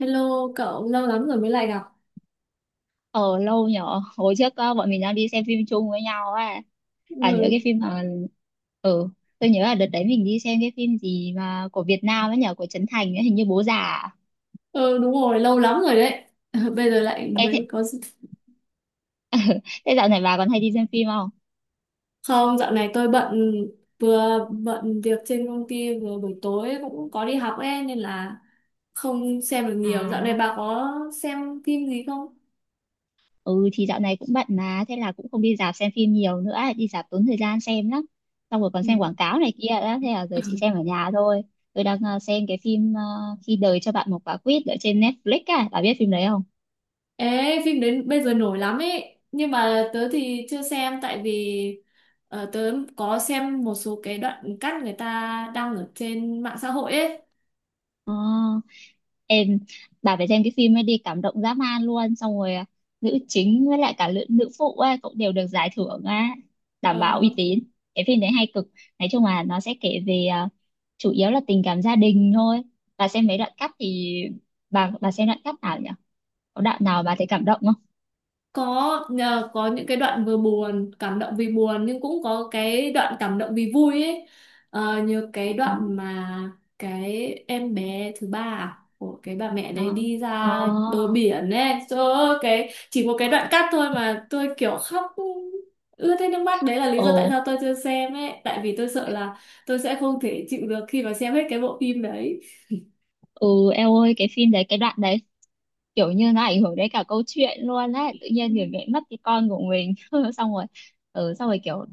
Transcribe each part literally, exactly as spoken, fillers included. Hello cậu, lâu lắm rồi mới lại gặp. Ờ, lâu nhở. Hồi trước, ờ, bọn mình đang đi xem phim chung với nhau á. À, nhớ Ừ, cái phim mà. Ừ, tôi nhớ là đợt đấy mình đi xem cái phim gì mà, của Việt Nam ấy nhở, của Trấn Thành ấy, hình như Bố Già à? ừ đúng rồi, lâu lắm rồi đấy. Bây giờ lại Ê, thế, mới có... thế dạo này bà còn hay đi xem phim không? Không, dạo này tôi bận, vừa bận việc trên công ty, vừa buổi tối cũng có đi học ấy, nên là không xem được nhiều. Dạo này À, bà có xem phim gì không? ừ thì dạo này cũng bận mà. Thế là cũng không đi rạp xem phim nhiều nữa. Đi rạp tốn thời gian xem lắm. Xong rồi còn xem Ừ. quảng cáo này kia đó. Thế là giờ chị xem ở nhà thôi. Tôi đang ờ, xem cái phim, ờ, Khi đời cho bạn một quả quýt, ở trên Netflix à? Bà biết phim đấy không? Ê, phim đến bây giờ nổi lắm ấy. Nhưng mà tớ thì chưa xem tại vì ờ, tớ có xem một số cái đoạn cắt người ta đăng ở trên mạng xã hội ấy. Ờ, em, bà phải xem cái phim ấy đi, cảm động dã man luôn. Xong rồi à, nữ chính với lại cả nữ, nữ phụ ấy cũng đều được giải thưởng á, đảm bảo Ờ, uy tín. Cái phim đấy hay cực, nói chung là nó sẽ kể về, à, chủ yếu là tình cảm gia đình thôi. Bà xem mấy đoạn cắt thì, bà bà xem đoạn cắt nào nhỉ? Có đoạn nào bà thấy cảm động không? có nhờ có những cái đoạn vừa buồn cảm động vì buồn nhưng cũng có cái đoạn cảm động vì vui ấy. Ờ, như cái Ờ, đoạn mà cái em bé thứ ba à, của cái bà mẹ đấy ờ, đi ờ. ra bờ biển ấy, trời ơi, cái chỉ một cái đoạn cắt thôi mà tôi kiểu khóc ướt hết nước mắt, đấy là lý Ồ. do tại sao tôi chưa xem ấy, tại vì tôi sợ là tôi sẽ không thể chịu được khi mà xem hết cái bộ phim đấy. Ừ, em ơi, cái phim đấy cái đoạn đấy kiểu như nó ảnh hưởng đến cả câu chuyện luôn đấy. Tự nhiên người mẹ mất cái con của mình xong rồi, ừ, xong rồi kiểu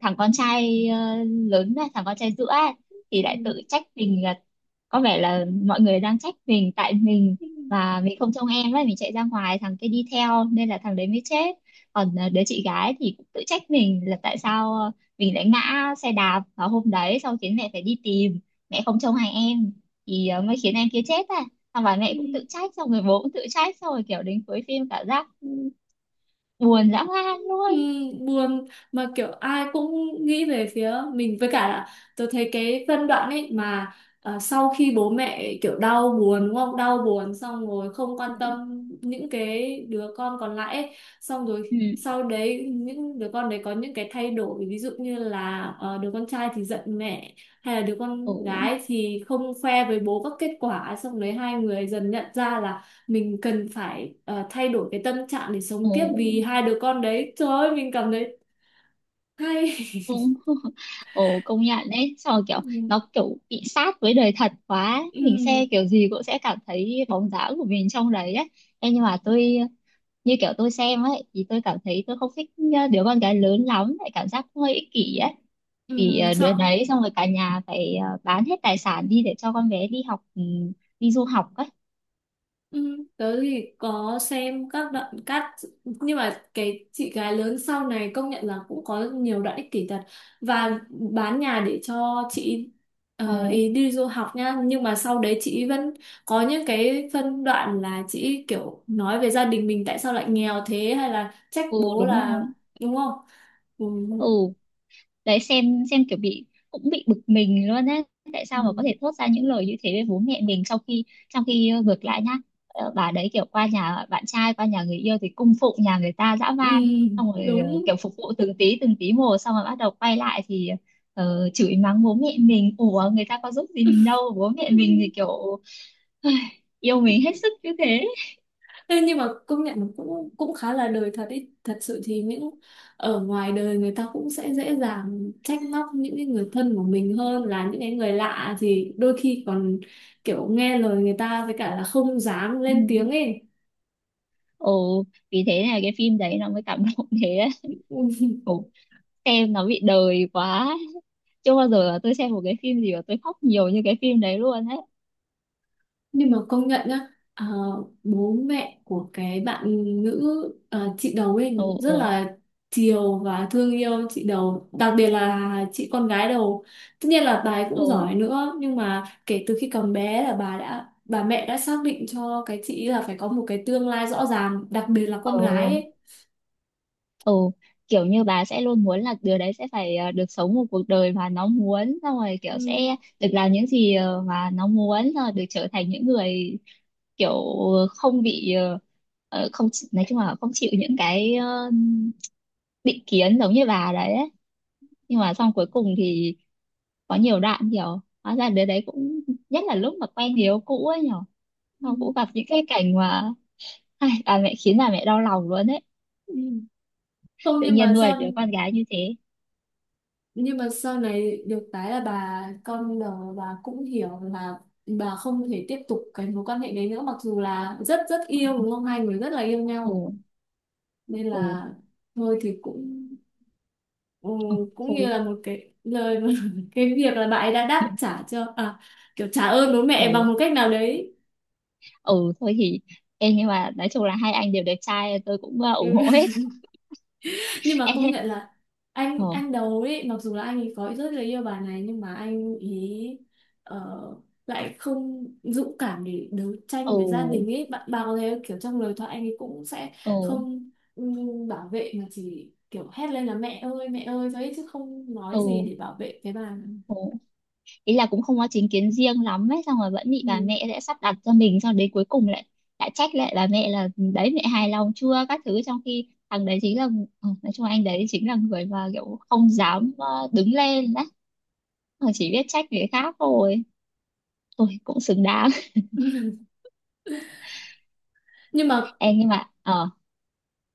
thằng con trai ờ, lớn này, thằng con trai giữa ấy, thì Ừ. lại tự trách mình là có vẻ là mọi người đang trách mình tại mình Ừ. và mình không trông em ấy, mình chạy ra ngoài thằng kia đi theo nên là thằng đấy mới chết. Còn ờ, đứa chị gái thì cũng tự trách mình là tại sao ờ, mình lại ngã xe đạp vào hôm đấy xong khiến mẹ phải đi tìm, mẹ không trông hàng em thì ờ, mới khiến em kia chết à. Xong bà Ừ. mẹ cũng tự trách, xong rồi bố cũng tự trách, xong rồi kiểu đến cuối phim cảm giác, ừ, buồn dã man Ừ, luôn. buồn mà kiểu ai cũng nghĩ về phía mình, với cả là tôi thấy cái phân đoạn ấy mà ờ, sau khi bố mẹ kiểu đau buồn đúng không, đau buồn xong rồi không quan tâm những cái đứa con còn lại ấy. Xong rồi Ừ. sau đấy những đứa con đấy có những cái thay đổi, ví dụ như là ờ, đứa con trai thì giận mẹ, hay là đứa Ồ, con gái thì không khoe với bố các kết quả, xong đấy hai người dần nhận ra là mình cần phải ờ, thay đổi cái tâm trạng để sống tiếp ồ, vì hai đứa con đấy, trời ơi mình cảm thấy hay. ồ. Ồ, công nhận đấy, xong rồi kiểu Ừ, nó kiểu bị sát với đời thật quá, ừ, mình xem kiểu gì cũng sẽ cảm thấy bóng dáng của mình trong đấy ấy. Ê, nhưng mà tôi, như kiểu tôi xem ấy thì tôi cảm thấy tôi không thích đứa con gái lớn lắm, lại cảm giác hơi ích kỷ ấy. ừ, Thì ờ, đứa sợ. đấy xong rồi cả nhà phải ờ, bán hết tài sản đi để cho con bé đi học, ừ, đi du học ấy. Ừ, tớ thì có xem các đoạn cắt nhưng mà cái chị gái lớn sau này công nhận là cũng có nhiều đoạn ích kỷ thật, và bán nhà để cho chị ờ, Ồ. ý đi du học nha, nhưng mà sau đấy chị vẫn có những cái phân đoạn là chị kiểu nói về gia đình mình tại sao lại nghèo thế, hay là trách Ừ, bố đúng là rồi. đúng không. Ừ, Ừ, đấy, xem xem kiểu bị, cũng bị bực mình luôn á, tại ừ, sao mà có thể thốt ra những lời như thế với bố mẹ mình sau khi, trong khi ờ, ngược lại nhá, ờ, bà đấy kiểu qua nhà bạn trai, qua nhà người yêu thì cung phụng nhà người ta dã ừ, man, xong rồi ờ, đúng. kiểu phục vụ từng tí từng tí một, xong rồi bắt đầu quay lại thì ờ, chửi mắng bố mẹ mình. Ủa, người ta có giúp gì mình đâu, bố mẹ mình thì kiểu yêu mình hết sức như thế. Thế nhưng mà công nhận nó cũng cũng khá là đời thật ý. Thật sự thì những ở ngoài đời người ta cũng sẽ dễ dàng trách móc những cái người thân của mình hơn là những cái người lạ, thì đôi khi còn kiểu nghe lời người ta, với cả là không dám Ừ. lên tiếng ấy. Ồ, vì thế là cái phim đấy nó mới cảm động thế đấy. Xem nó bị đời quá, chưa bao giờ là tôi xem một cái phim gì mà tôi khóc nhiều như cái phim đấy luôn ấy. Nhưng mà công nhận nhá, ờ, bố mẹ của cái bạn nữ ờ, chị đầu ấy Ồ, rất ồ, là chiều và thương yêu chị đầu, đặc biệt là chị con gái đầu, tất nhiên là bà ấy cũng ồ, giỏi nữa nhưng mà kể từ khi còn bé là bà đã bà mẹ đã xác định cho cái chị là phải có một cái tương lai rõ ràng, đặc biệt là ồ. con gái ấy. Ừ, kiểu như bà sẽ luôn muốn là đứa đấy sẽ phải ờ, được sống một cuộc đời mà nó muốn, xong rồi Ừ. kiểu sẽ được làm những gì ờ, mà nó muốn, xong rồi được trở thành những người kiểu không bị, ờ, ờ, không chỉ- nói chung là không chịu những cái ờ, định kiến giống như bà đấy ấy. Nhưng mà xong cuối cùng thì có nhiều đoạn kiểu hóa ra đứa đấy cũng, nhất là lúc mà quen người yêu cũ ấy nhở, Ừ, xong cũng gặp những cái cảnh mà ai, bà mẹ khiến bà mẹ đau lòng luôn ấy. ừ, ừ. Không Tự nhưng nhiên mà nuôi sao, đứa con gái như thế. nhưng mà sau này được cái là bà con đầu bà cũng hiểu là bà không thể tiếp tục cái mối quan hệ đấy nữa, mặc dù là rất rất yêu đúng không, hai người rất là yêu nhau Ừ, nên ừ, là thôi thì cũng ừ, ừ, cũng như thôi. là một cái lời cái việc là bà ấy đã đáp trả cho à kiểu trả ơn bố mẹ bằng Ừ, một cách nào đấy. ừ, thôi thì em, nhưng mà nói chung là hai anh đều đẹp trai, tôi cũng ờ, ủng Ừ. hộ hết. Nhưng mà công Em. nhận là anh Ừ, anh đầu ấy mặc dù là anh ấy có rất là yêu bà này nhưng mà anh ý ờ, lại không dũng cảm để đấu ừ, tranh với gia đình ấy, bạn bảo thế, kiểu trong lời thoại anh ấy cũng sẽ ừ, không ừm, bảo vệ mà chỉ kiểu hét lên là mẹ ơi mẹ ơi thôi ấy, chứ không ừ, nói gì để bảo vệ cái bà. ừ. Ý là cũng không có chính kiến riêng lắm ấy, xong rồi vẫn bị Ừ. bà mẹ sẽ sắp đặt cho mình, xong đến cuối cùng lại lại trách lại bà mẹ là, ừ, đấy, mẹ hài lòng chưa, các thứ, trong khi thằng đấy chính là, ừ, nói chung anh đấy chính là người mà kiểu không dám ờ, đứng lên đấy, mà chỉ biết trách người khác thôi. Tôi cũng xứng đáng. Nhưng mà Em, nhưng mà ờ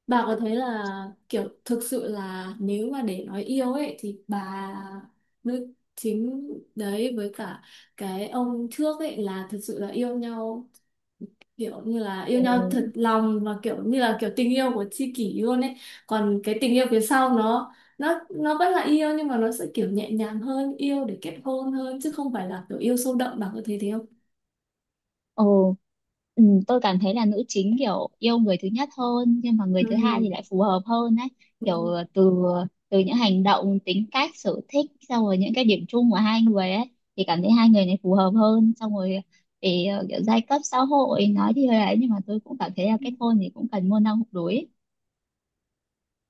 bà có thấy là kiểu thực sự là nếu mà để nói yêu ấy thì bà nữ chính đấy với cả cái ông trước ấy là thực sự là yêu nhau, kiểu như là yêu ừ, nhau thật lòng và kiểu như là kiểu tình yêu của tri kỷ luôn ấy, còn cái tình yêu phía sau nó nó nó vẫn là yêu nhưng mà nó sẽ kiểu nhẹ nhàng hơn, yêu để kết hôn hơn chứ không phải là kiểu yêu sâu đậm, bà có thấy thế không? ừ, ừ, tôi cảm thấy là nữ chính kiểu yêu người thứ nhất hơn, nhưng mà người Ừ. thứ hai thì lại phù hợp hơn đấy. Kiểu Ừ. ờ, từ từ những hành động, tính cách, sở thích, xong rồi những cái điểm chung của hai người ấy thì cảm thấy hai người này phù hợp hơn. Xong rồi thì ờ, kiểu giai cấp xã hội nói thì hơi ấy, nhưng mà tôi cũng cảm thấy là kết hôn thì cũng cần môn đăng hộ đối ấy.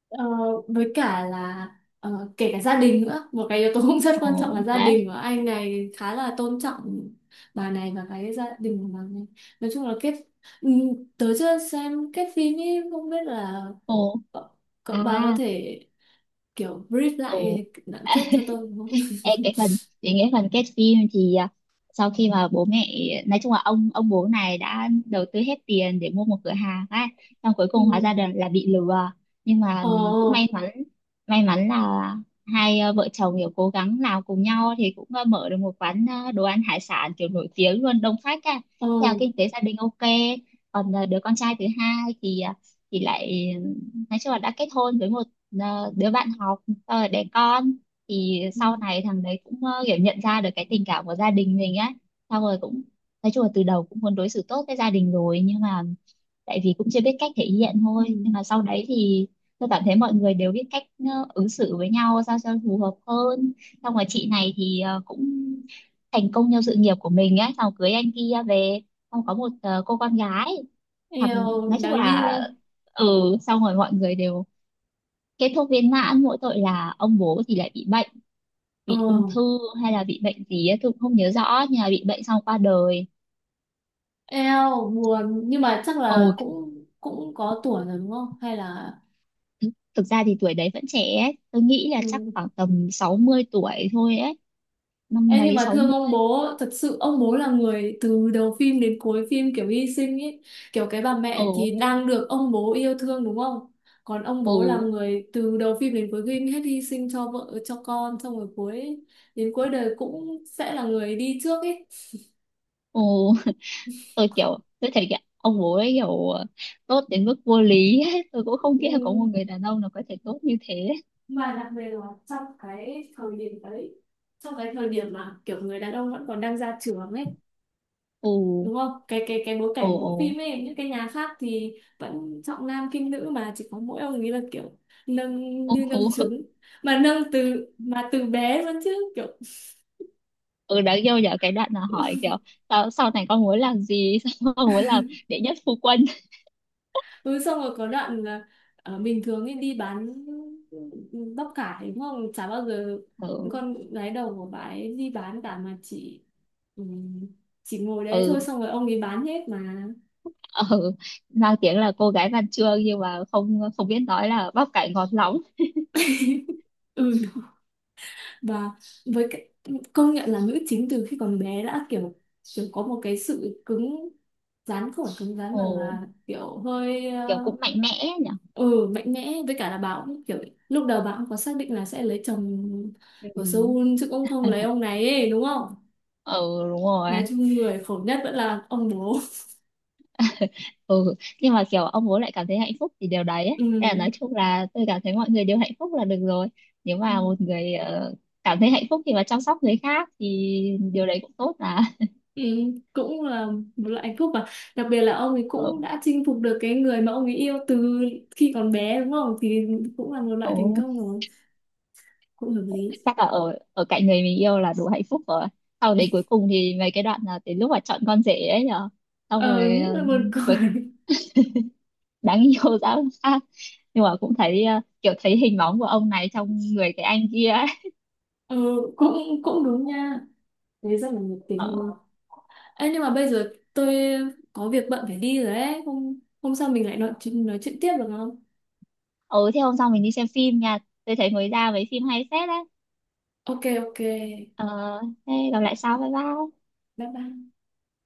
Ờ, với cả là ờ, kể cả gia đình nữa, một cái yếu tố cũng rất quan trọng, Ồ là gia đấy. đình của anh này khá là tôn trọng bà này và cái gia đình của bà này, nói chung là kết, ừ, tớ chưa xem kết phim ý, không biết là Ồ. cậu, cậu À. bà có thể kiểu brief lại Ồ. đoạn kết cho tôi không? Ê, cái phần đến cái phần kết phim thì, à, sau khi mà bố mẹ, nói chung là ông ông bố này đã đầu tư hết tiền để mua một cửa hàng á, xong cuối Ừ. cùng hóa ra là, là bị lừa. Nhưng mà Ờ, cũng may mắn, may mắn là hai à, vợ chồng kiểu cố gắng làm cùng nhau thì cũng à, mở được một quán, à, đồ ăn hải sản kiểu nổi tiếng luôn, đông khách á, ờ, theo kinh tế gia đình ok. Còn à, đứa con trai thứ hai thì à, thì lại, nói chung là đã kết hôn với một, à, đứa bạn học, xong rồi đẻ con. Thì sau ừ. này thằng đấy cũng ờ, kiểu nhận ra được cái tình cảm của gia đình mình á. Xong rồi cũng, nói chung là từ đầu cũng muốn đối xử tốt với gia đình rồi, nhưng mà tại vì cũng chưa biết cách thể hiện Ừ. thôi, nhưng mà sau đấy thì tôi cảm thấy mọi người đều biết cách ờ, ứng xử với nhau sao cho phù hợp hơn. Xong rồi chị này thì ờ, cũng thành công trong sự nghiệp của mình á, xong cưới anh kia về, xong có một ờ, cô con gái. thằng Eo nói chung đáng yêu. là, ừ xong rồi mọi người đều kết thúc viên mãn, mỗi tội là ông bố thì lại bị bệnh, Ờ, bị ung thư hay là bị bệnh gì ấy, tôi cũng không nhớ rõ, nhưng mà bị bệnh xong qua đời. eo buồn nhưng mà chắc Ồ, là thực, cũng cũng có tuổi rồi đúng không, hay là thực ra thì tuổi đấy vẫn trẻ ấy. Tôi nghĩ là chắc ừ. khoảng tầm sáu mươi tuổi thôi ấy. Năm Em nhưng mấy mà sáu thương ông mươi. bố, thật sự ông bố là người từ đầu phim đến cuối phim kiểu hy sinh ấy. Kiểu cái bà Ừ, mẹ thì đang được ông bố yêu thương đúng không? Còn ông bố là ừ, người từ đầu phim đến cuối phim hết hy sinh cho vợ, cho con, xong rồi cuối đến cuối đời cũng sẽ là người đi trước ấy. ừ, tôi kiểu tôi thấy kiểu ông bố ấy kiểu tốt đến mức vô lý ấy. Tôi cũng không nghĩ là có một Ừ, người đàn ông nào có thể tốt như thế. mà đặc biệt là trong cái thời điểm đấy, trong cái thời điểm mà kiểu người đàn ông vẫn còn đang ra trường ấy, Ừ, đúng không, cái cái cái bối ừ, cảnh của ừ, bộ phim ấy, những cái nhà khác thì vẫn trọng nam khinh nữ mà chỉ có mỗi ông ấy là kiểu nâng như nâng ừ, trứng, mà nâng từ mà từ bé luôn chứ kiểu ừ, đáng yêu nhở, cái đoạn là hỏi kiểu, sau, sau này con muốn làm gì sao con muốn làm đệ nhất phu quân. ừ, xong rồi có đoạn là ờ, bình thường ấy đi bán bắp cải đúng không, chả bao giờ Ừ, con gái đầu của bà ấy đi bán cả mà chỉ ừ, chỉ ngồi đấy thôi ừ, xong rồi ông ấy bán hết mà. ừ, mang tiếng là cô gái văn chương, nhưng mà không không biết nói là bắp cải ngọt lóng. Ừ. Và với cái công nhận là nữ chính từ khi còn bé đã kiểu kiểu có một cái sự cứng rắn, không phải cứng rắn Ồ, mà là kiểu hơi ờ, kiểu cũng mạnh mẽ nhỉ. ừ mạnh mẽ, với cả là bà cũng kiểu lúc đầu bà cũng có xác định là sẽ lấy chồng Ừ, ở Seoul chứ cũng không lấy ông này ấy, đúng không. ừ đúng rồi, Nói chung người khổ nhất vẫn là ông bố. ừ, nhưng mà kiểu ông bố lại cảm thấy hạnh phúc thì điều đấy ấy. Thế là nói Ừ. chung là tôi cảm thấy mọi người đều hạnh phúc là được rồi. Nếu Ừ. mà một người ờ, cảm thấy hạnh phúc khi mà chăm sóc người khác thì điều đấy cũng tốt mà. Ừ. Cũng là một loại hạnh phúc mà, đặc biệt là ông ấy Ừ, cũng đã chinh phục được cái người mà ông ấy yêu từ khi còn bé đúng không, thì cũng là một loại thành ừ. công rồi, cũng hợp lý. Chắc là ở ở cạnh người mình yêu là đủ hạnh phúc rồi. Sau đấy cuối cùng thì mấy cái đoạn là đến lúc mà chọn con rể ấy nhở, xong Ờ rồi những ờ, là buồn cuối cười. đáng yêu ra làm sao, nhưng mà cũng thấy ờ, kiểu thấy hình bóng của ông này trong người cái anh kia ấy. Ờ, cũng cũng đúng nha, thế rất là nhiệt Ờ. tình luôn. Ê, nhưng mà bây giờ tôi có việc bận phải đi rồi ấy, hôm hôm sau mình lại nói chuyện nói chuyện tiếp được không? Ừ, thế hôm sau mình đi xem phim nha, tôi thấy mới ra mấy phim hay phết đấy. Ok ok bye Ờ, thế gặp lại sau, bye bye. bye.